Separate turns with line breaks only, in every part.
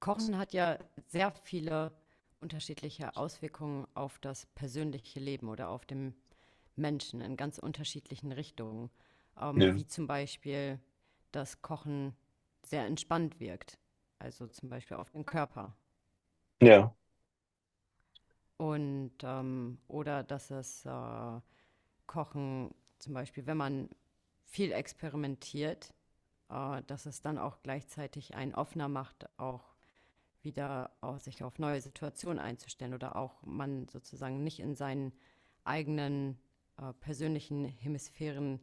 Kochen hat ja sehr viele unterschiedliche Auswirkungen auf das persönliche Leben oder auf den Menschen in ganz unterschiedlichen Richtungen,
Ja,
wie zum Beispiel, dass Kochen sehr entspannt wirkt, also zum Beispiel auf den Körper.
ja,
Oder dass es Kochen, zum Beispiel, wenn man viel experimentiert, dass es dann auch gleichzeitig einen offener macht, auch wieder auch sich auf neue Situationen einzustellen oder auch man sozusagen nicht in seinen eigenen persönlichen Hemisphären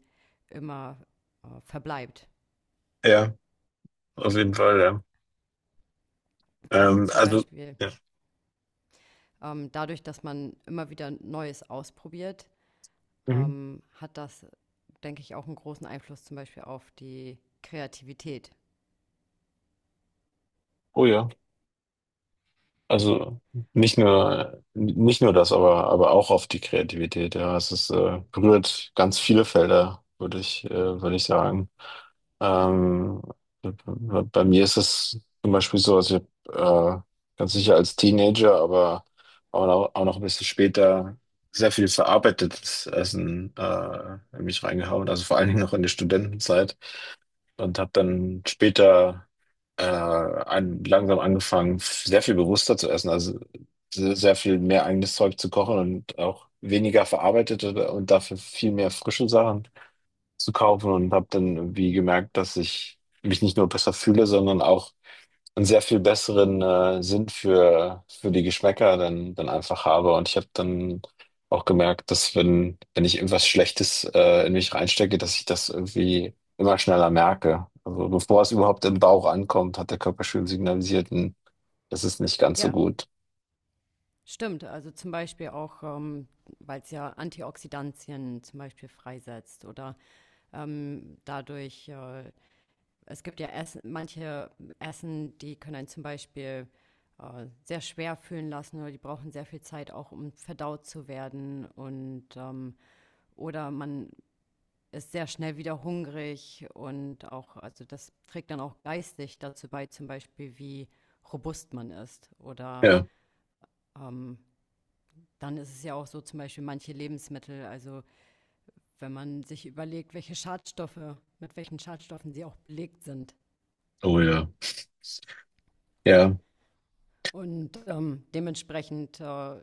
immer verbleibt.
ja, auf jeden Fall, ja.
Also zum
Also,
Beispiel
ja.
dadurch, dass man immer wieder Neues ausprobiert,
Mhm.
hat das, denke ich, auch einen großen Einfluss zum Beispiel auf die Kreativität.
Oh ja, also nicht nur das, aber auch auf die Kreativität, ja. Es berührt ganz viele Felder, würde ich sagen. Ähm, bei mir ist es zum Beispiel so, also ich hab, ganz sicher als Teenager, aber auch noch ein bisschen später sehr viel verarbeitetes Essen in mich reingehauen, also vor allen Dingen noch in der Studentenzeit. Und habe dann später langsam angefangen, sehr viel bewusster zu essen, also sehr viel mehr eigenes Zeug zu kochen und auch weniger verarbeitete und dafür viel mehr frische Sachen zu kaufen und habe dann irgendwie gemerkt, dass ich mich nicht nur besser fühle, sondern auch einen sehr viel besseren Sinn für die Geschmäcker dann einfach habe. Und ich habe dann auch gemerkt, dass wenn ich irgendwas Schlechtes in mich reinstecke, dass ich das irgendwie immer schneller merke. Also bevor es überhaupt im Bauch ankommt, hat der Körper schon signalisiert: "Hm, das ist nicht ganz so
Ja,
gut."
stimmt, also zum Beispiel auch, weil es ja Antioxidantien zum Beispiel freisetzt oder dadurch es gibt ja Essen, manche Essen, die können einen zum Beispiel sehr schwer fühlen lassen oder die brauchen sehr viel Zeit auch, um verdaut zu werden, oder man ist sehr schnell wieder hungrig und auch, also das trägt dann auch geistig dazu bei, zum Beispiel wie robust man ist. Oder
Ja,
dann ist es ja auch so, zum Beispiel manche Lebensmittel, also wenn man sich überlegt, welche Schadstoffe, mit welchen Schadstoffen sie auch belegt sind.
oh ja. Ja,
Dementsprechend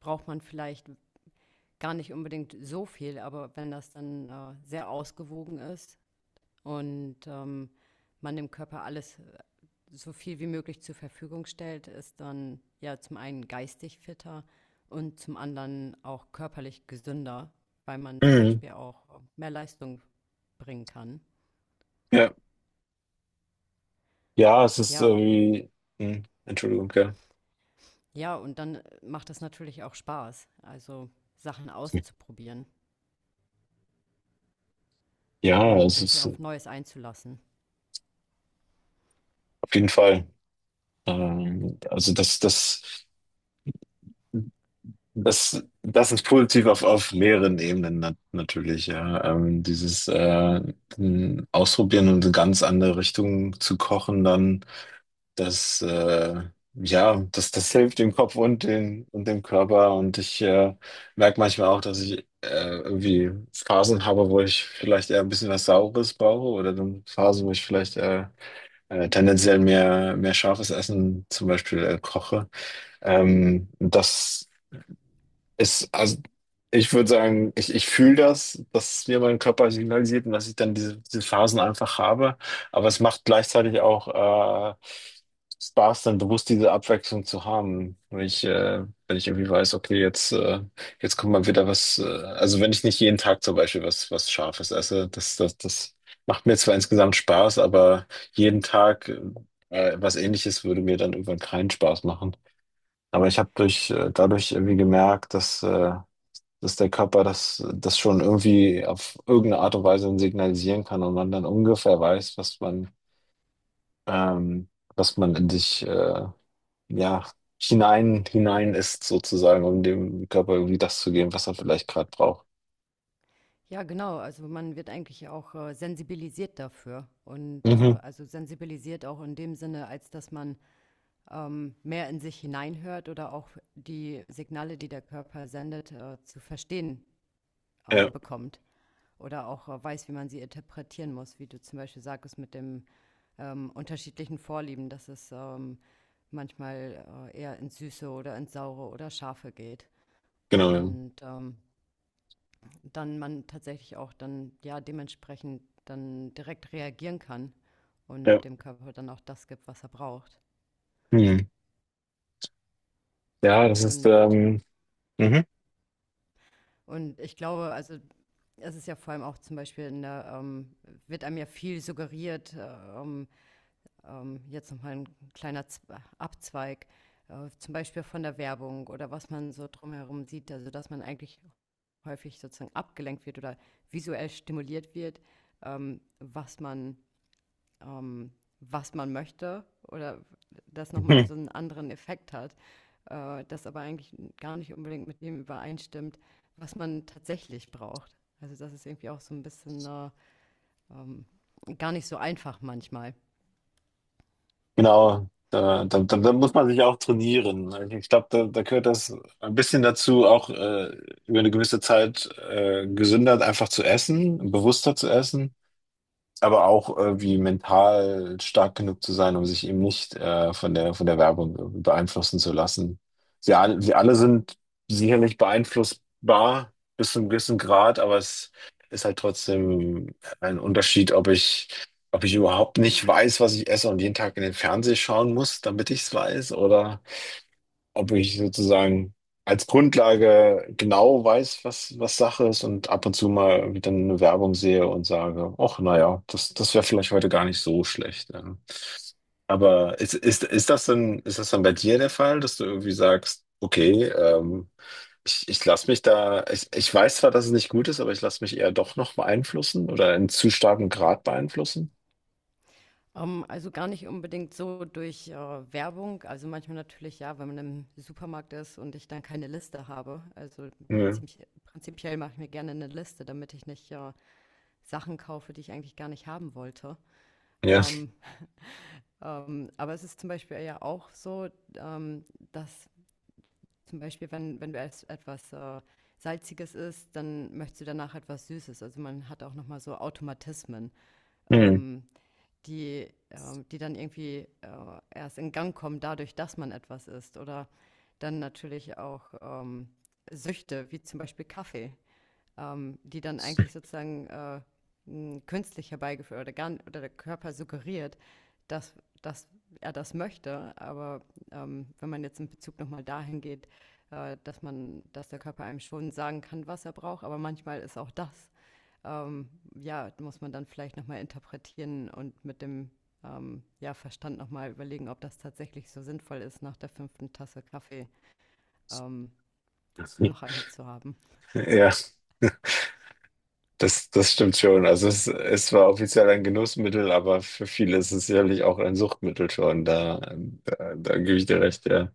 braucht man vielleicht gar nicht unbedingt so viel, aber wenn das dann sehr ausgewogen ist und man dem Körper alles so viel wie möglich zur Verfügung stellt, ist dann ja zum einen geistig fitter und zum anderen auch körperlich gesünder, weil man zum
mhm.
Beispiel auch mehr Leistung bringen kann.
Ja, ja, es ist
Ja,
irgendwie, hm, Entschuldigung, ja.
ja, und dann macht es natürlich auch Spaß, also Sachen auszuprobieren
Ja,
und
es
sich
ist
auf Neues einzulassen.
auf jeden Fall. Also das, das. Das ist positiv auf mehreren Ebenen natürlich, ja. Dieses Ausprobieren und in ganz andere Richtungen zu kochen, dann das, ja, das hilft dem Kopf und dem Körper. Und ich merke manchmal auch, dass ich irgendwie Phasen habe, wo ich vielleicht eher ein bisschen was Saures brauche oder dann Phasen, wo ich vielleicht tendenziell mehr scharfes Essen zum Beispiel koche. Ähm, das also ich würde sagen, ich fühle das, dass mir mein Körper signalisiert und dass ich dann diese Phasen einfach habe. Aber es macht gleichzeitig auch Spaß, dann bewusst diese Abwechslung zu haben. Wenn ich irgendwie weiß, okay, jetzt kommt mal wieder was, also wenn ich nicht jeden Tag zum Beispiel was Scharfes esse, das macht mir zwar insgesamt Spaß, aber jeden Tag was Ähnliches würde mir dann irgendwann keinen Spaß machen. Aber ich habe durch dadurch irgendwie gemerkt, dass der Körper das schon irgendwie auf irgendeine Art und Weise signalisieren kann und man dann ungefähr weiß, ähm, was man in sich ja, hinein ist, sozusagen, um dem Körper irgendwie das zu geben, was er vielleicht gerade braucht.
Ja, genau. Also man wird eigentlich auch sensibilisiert dafür. Und
Mhm.
also sensibilisiert auch in dem Sinne, als dass man mehr in sich hineinhört oder auch die Signale, die der Körper sendet, zu verstehen
Ja,
bekommt. Oder auch weiß, wie man sie interpretieren muss, wie du zum Beispiel sagtest mit dem unterschiedlichen Vorlieben, dass es manchmal eher ins Süße oder ins Saure oder Scharfe geht.
genau, ja.
Und dann man tatsächlich auch dann ja dementsprechend dann direkt reagieren kann und
Ja,
dem Körper dann auch das gibt, was er braucht.
mhm. Ja, das ist
Und,
mhm.
und ich glaube, also es ist ja vor allem auch zum Beispiel in der, wird einem ja viel suggeriert, jetzt nochmal ein kleiner Z Abzweig, zum Beispiel von der Werbung oder was man so drumherum sieht, also dass man eigentlich häufig sozusagen abgelenkt wird oder visuell stimuliert wird, ähm, was man ähm, was man möchte oder das nochmal so einen anderen Effekt hat, das aber eigentlich gar nicht unbedingt mit dem übereinstimmt, was man tatsächlich braucht. Also das ist irgendwie auch so ein bisschen ähm, gar nicht so einfach manchmal.
Genau, da muss man sich auch trainieren. Ich glaube, da gehört das ein bisschen dazu, auch über eine gewisse Zeit gesünder einfach zu essen, bewusster zu essen, aber auch irgendwie mental stark genug zu sein, um sich eben nicht von der Werbung beeinflussen zu lassen. Sie alle
Ja,
sind sicherlich beeinflussbar bis zu einem gewissen Grad, aber es ist halt trotzdem ein Unterschied, ob ich, überhaupt nicht weiß, was ich esse und jeden Tag in den Fernseher schauen muss, damit ich es weiß, oder ob ich sozusagen als Grundlage genau weiß, was Sache ist und ab und zu mal wieder eine Werbung sehe und sage, ach, naja, das wäre vielleicht heute gar nicht so schlecht. Ja. Aber ist das denn, ist das dann bei dir der Fall, dass du irgendwie sagst, okay, ich lasse mich da, ich weiß zwar, dass es nicht gut ist, aber ich lasse mich eher doch noch beeinflussen oder in zu starkem Grad beeinflussen?
also gar nicht unbedingt so durch Werbung. Also manchmal natürlich ja, wenn man im Supermarkt ist und ich dann keine Liste habe. Also
Ja.
prinzip, prinzipiell mache ich mir gerne eine Liste, damit ich nicht Sachen kaufe, die ich eigentlich gar nicht haben wollte.
Ja.
Ähm, aber es ist zum Beispiel ja auch so, ähm, dass zum Beispiel, wenn, wenn du erst etwas Salziges isst, dann möchtest du danach etwas Süßes. Also man hat auch nochmal so Automatismen,
Hm.
ähm, die dann irgendwie erst in Gang kommen, dadurch, dass man etwas isst. Oder dann natürlich auch Süchte, wie zum Beispiel Kaffee, die dann eigentlich sozusagen künstlich herbeigeführt oder, gar, oder der Körper suggeriert, dass, dass er das möchte. Aber wenn man jetzt in Bezug nochmal dahin geht, dass man, dass der Körper einem schon sagen kann, was er braucht, aber manchmal ist auch das, ähm, ja, muss man dann vielleicht nochmal interpretieren und mit dem ja, Verstand nochmal überlegen, ob das tatsächlich so sinnvoll ist, nach der fünften Tasse Kaffee ähm, noch eine zu haben.
Ja. Das stimmt schon. Also es war offiziell ein Genussmittel, aber für viele ist es sicherlich auch ein Suchtmittel schon. Da gebe ich dir recht, ja.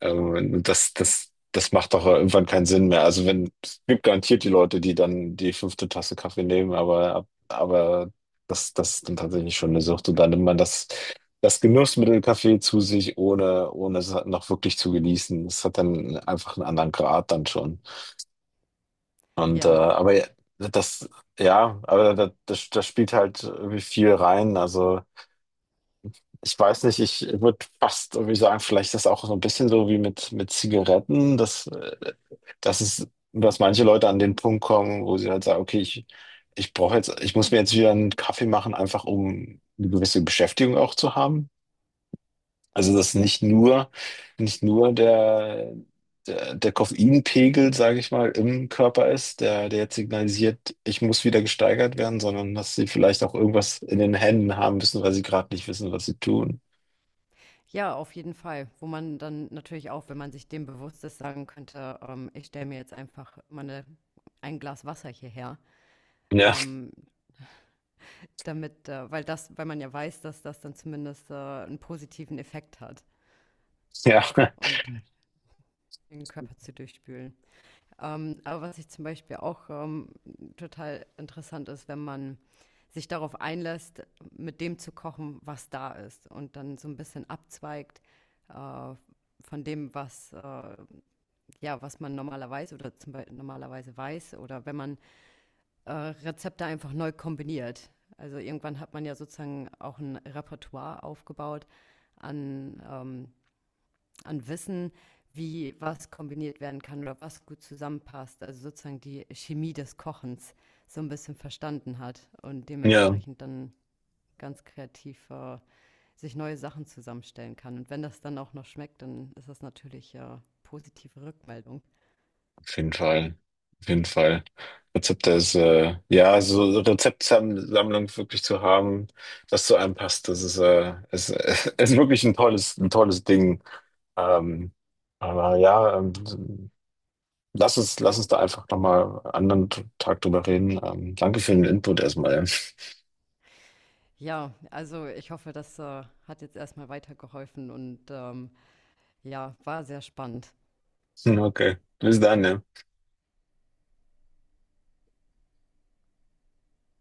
Und das macht doch irgendwann keinen Sinn mehr. Also wenn, es gibt garantiert die Leute, die dann die fünfte Tasse Kaffee nehmen, aber das ist dann tatsächlich schon eine Sucht. Und dann nimmt man das, das Genussmittel Kaffee zu sich, ohne es noch wirklich zu genießen. Es hat dann einfach einen anderen Grad dann schon. Und äh,
Ja,
aber ja, das, ja, aber da, das spielt halt irgendwie viel rein. Also ich weiß nicht, ich würde fast irgendwie sagen, vielleicht ist das auch so ein bisschen so wie mit Zigaretten, dass manche Leute an den Punkt kommen, wo sie halt sagen, okay, ich brauche jetzt, ich muss mir jetzt wieder einen Kaffee machen, einfach um eine gewisse Beschäftigung auch zu haben. Also dass nicht nur der Koffeinpegel, sage ich mal, im Körper ist, der jetzt signalisiert, ich muss wieder gesteigert werden, sondern dass sie vielleicht auch irgendwas in den Händen haben müssen, weil sie gerade nicht wissen, was sie tun.
ja, auf jeden Fall. Wo man dann natürlich auch, wenn man sich dem bewusst ist, sagen könnte, ich stelle mir jetzt einfach mal ein Glas Wasser hierher,
Ja,
ähm, damit, weil man ja weiß, dass das dann zumindest, 'n positiven Effekt hat
ja,
und den Körper zu durchspülen. Aber was ich zum Beispiel auch, total interessant ist, wenn man sich darauf einlässt, mit dem zu kochen, was da ist und dann so ein bisschen abzweigt, äh, von dem, was, ja, was man normalerweise oder zum Beispiel normalerweise weiß oder wenn man Rezepte einfach neu kombiniert. Also irgendwann hat man ja sozusagen auch ein Repertoire aufgebaut an, ähm, an Wissen, wie was kombiniert werden kann oder was gut zusammenpasst. Also sozusagen die Chemie des Kochens so ein bisschen verstanden hat und
ja.
dementsprechend dann ganz kreativ sich neue Sachen zusammenstellen kann. Und wenn das dann auch noch schmeckt, dann ist das natürlich positive Rückmeldung.
Auf jeden Fall. Auf jeden Fall. Ja, so Rezeptsammlung wirklich zu haben, das zu einem passt, das ist, ist wirklich ein tolles Ding. Ähm, aber ja, lass uns da einfach nochmal einen anderen Tag drüber reden. Danke für den Input erstmal.
Ja, also ich hoffe, das hat jetzt erstmal weitergeholfen und ja, war sehr spannend.
Okay, bis dann, ja.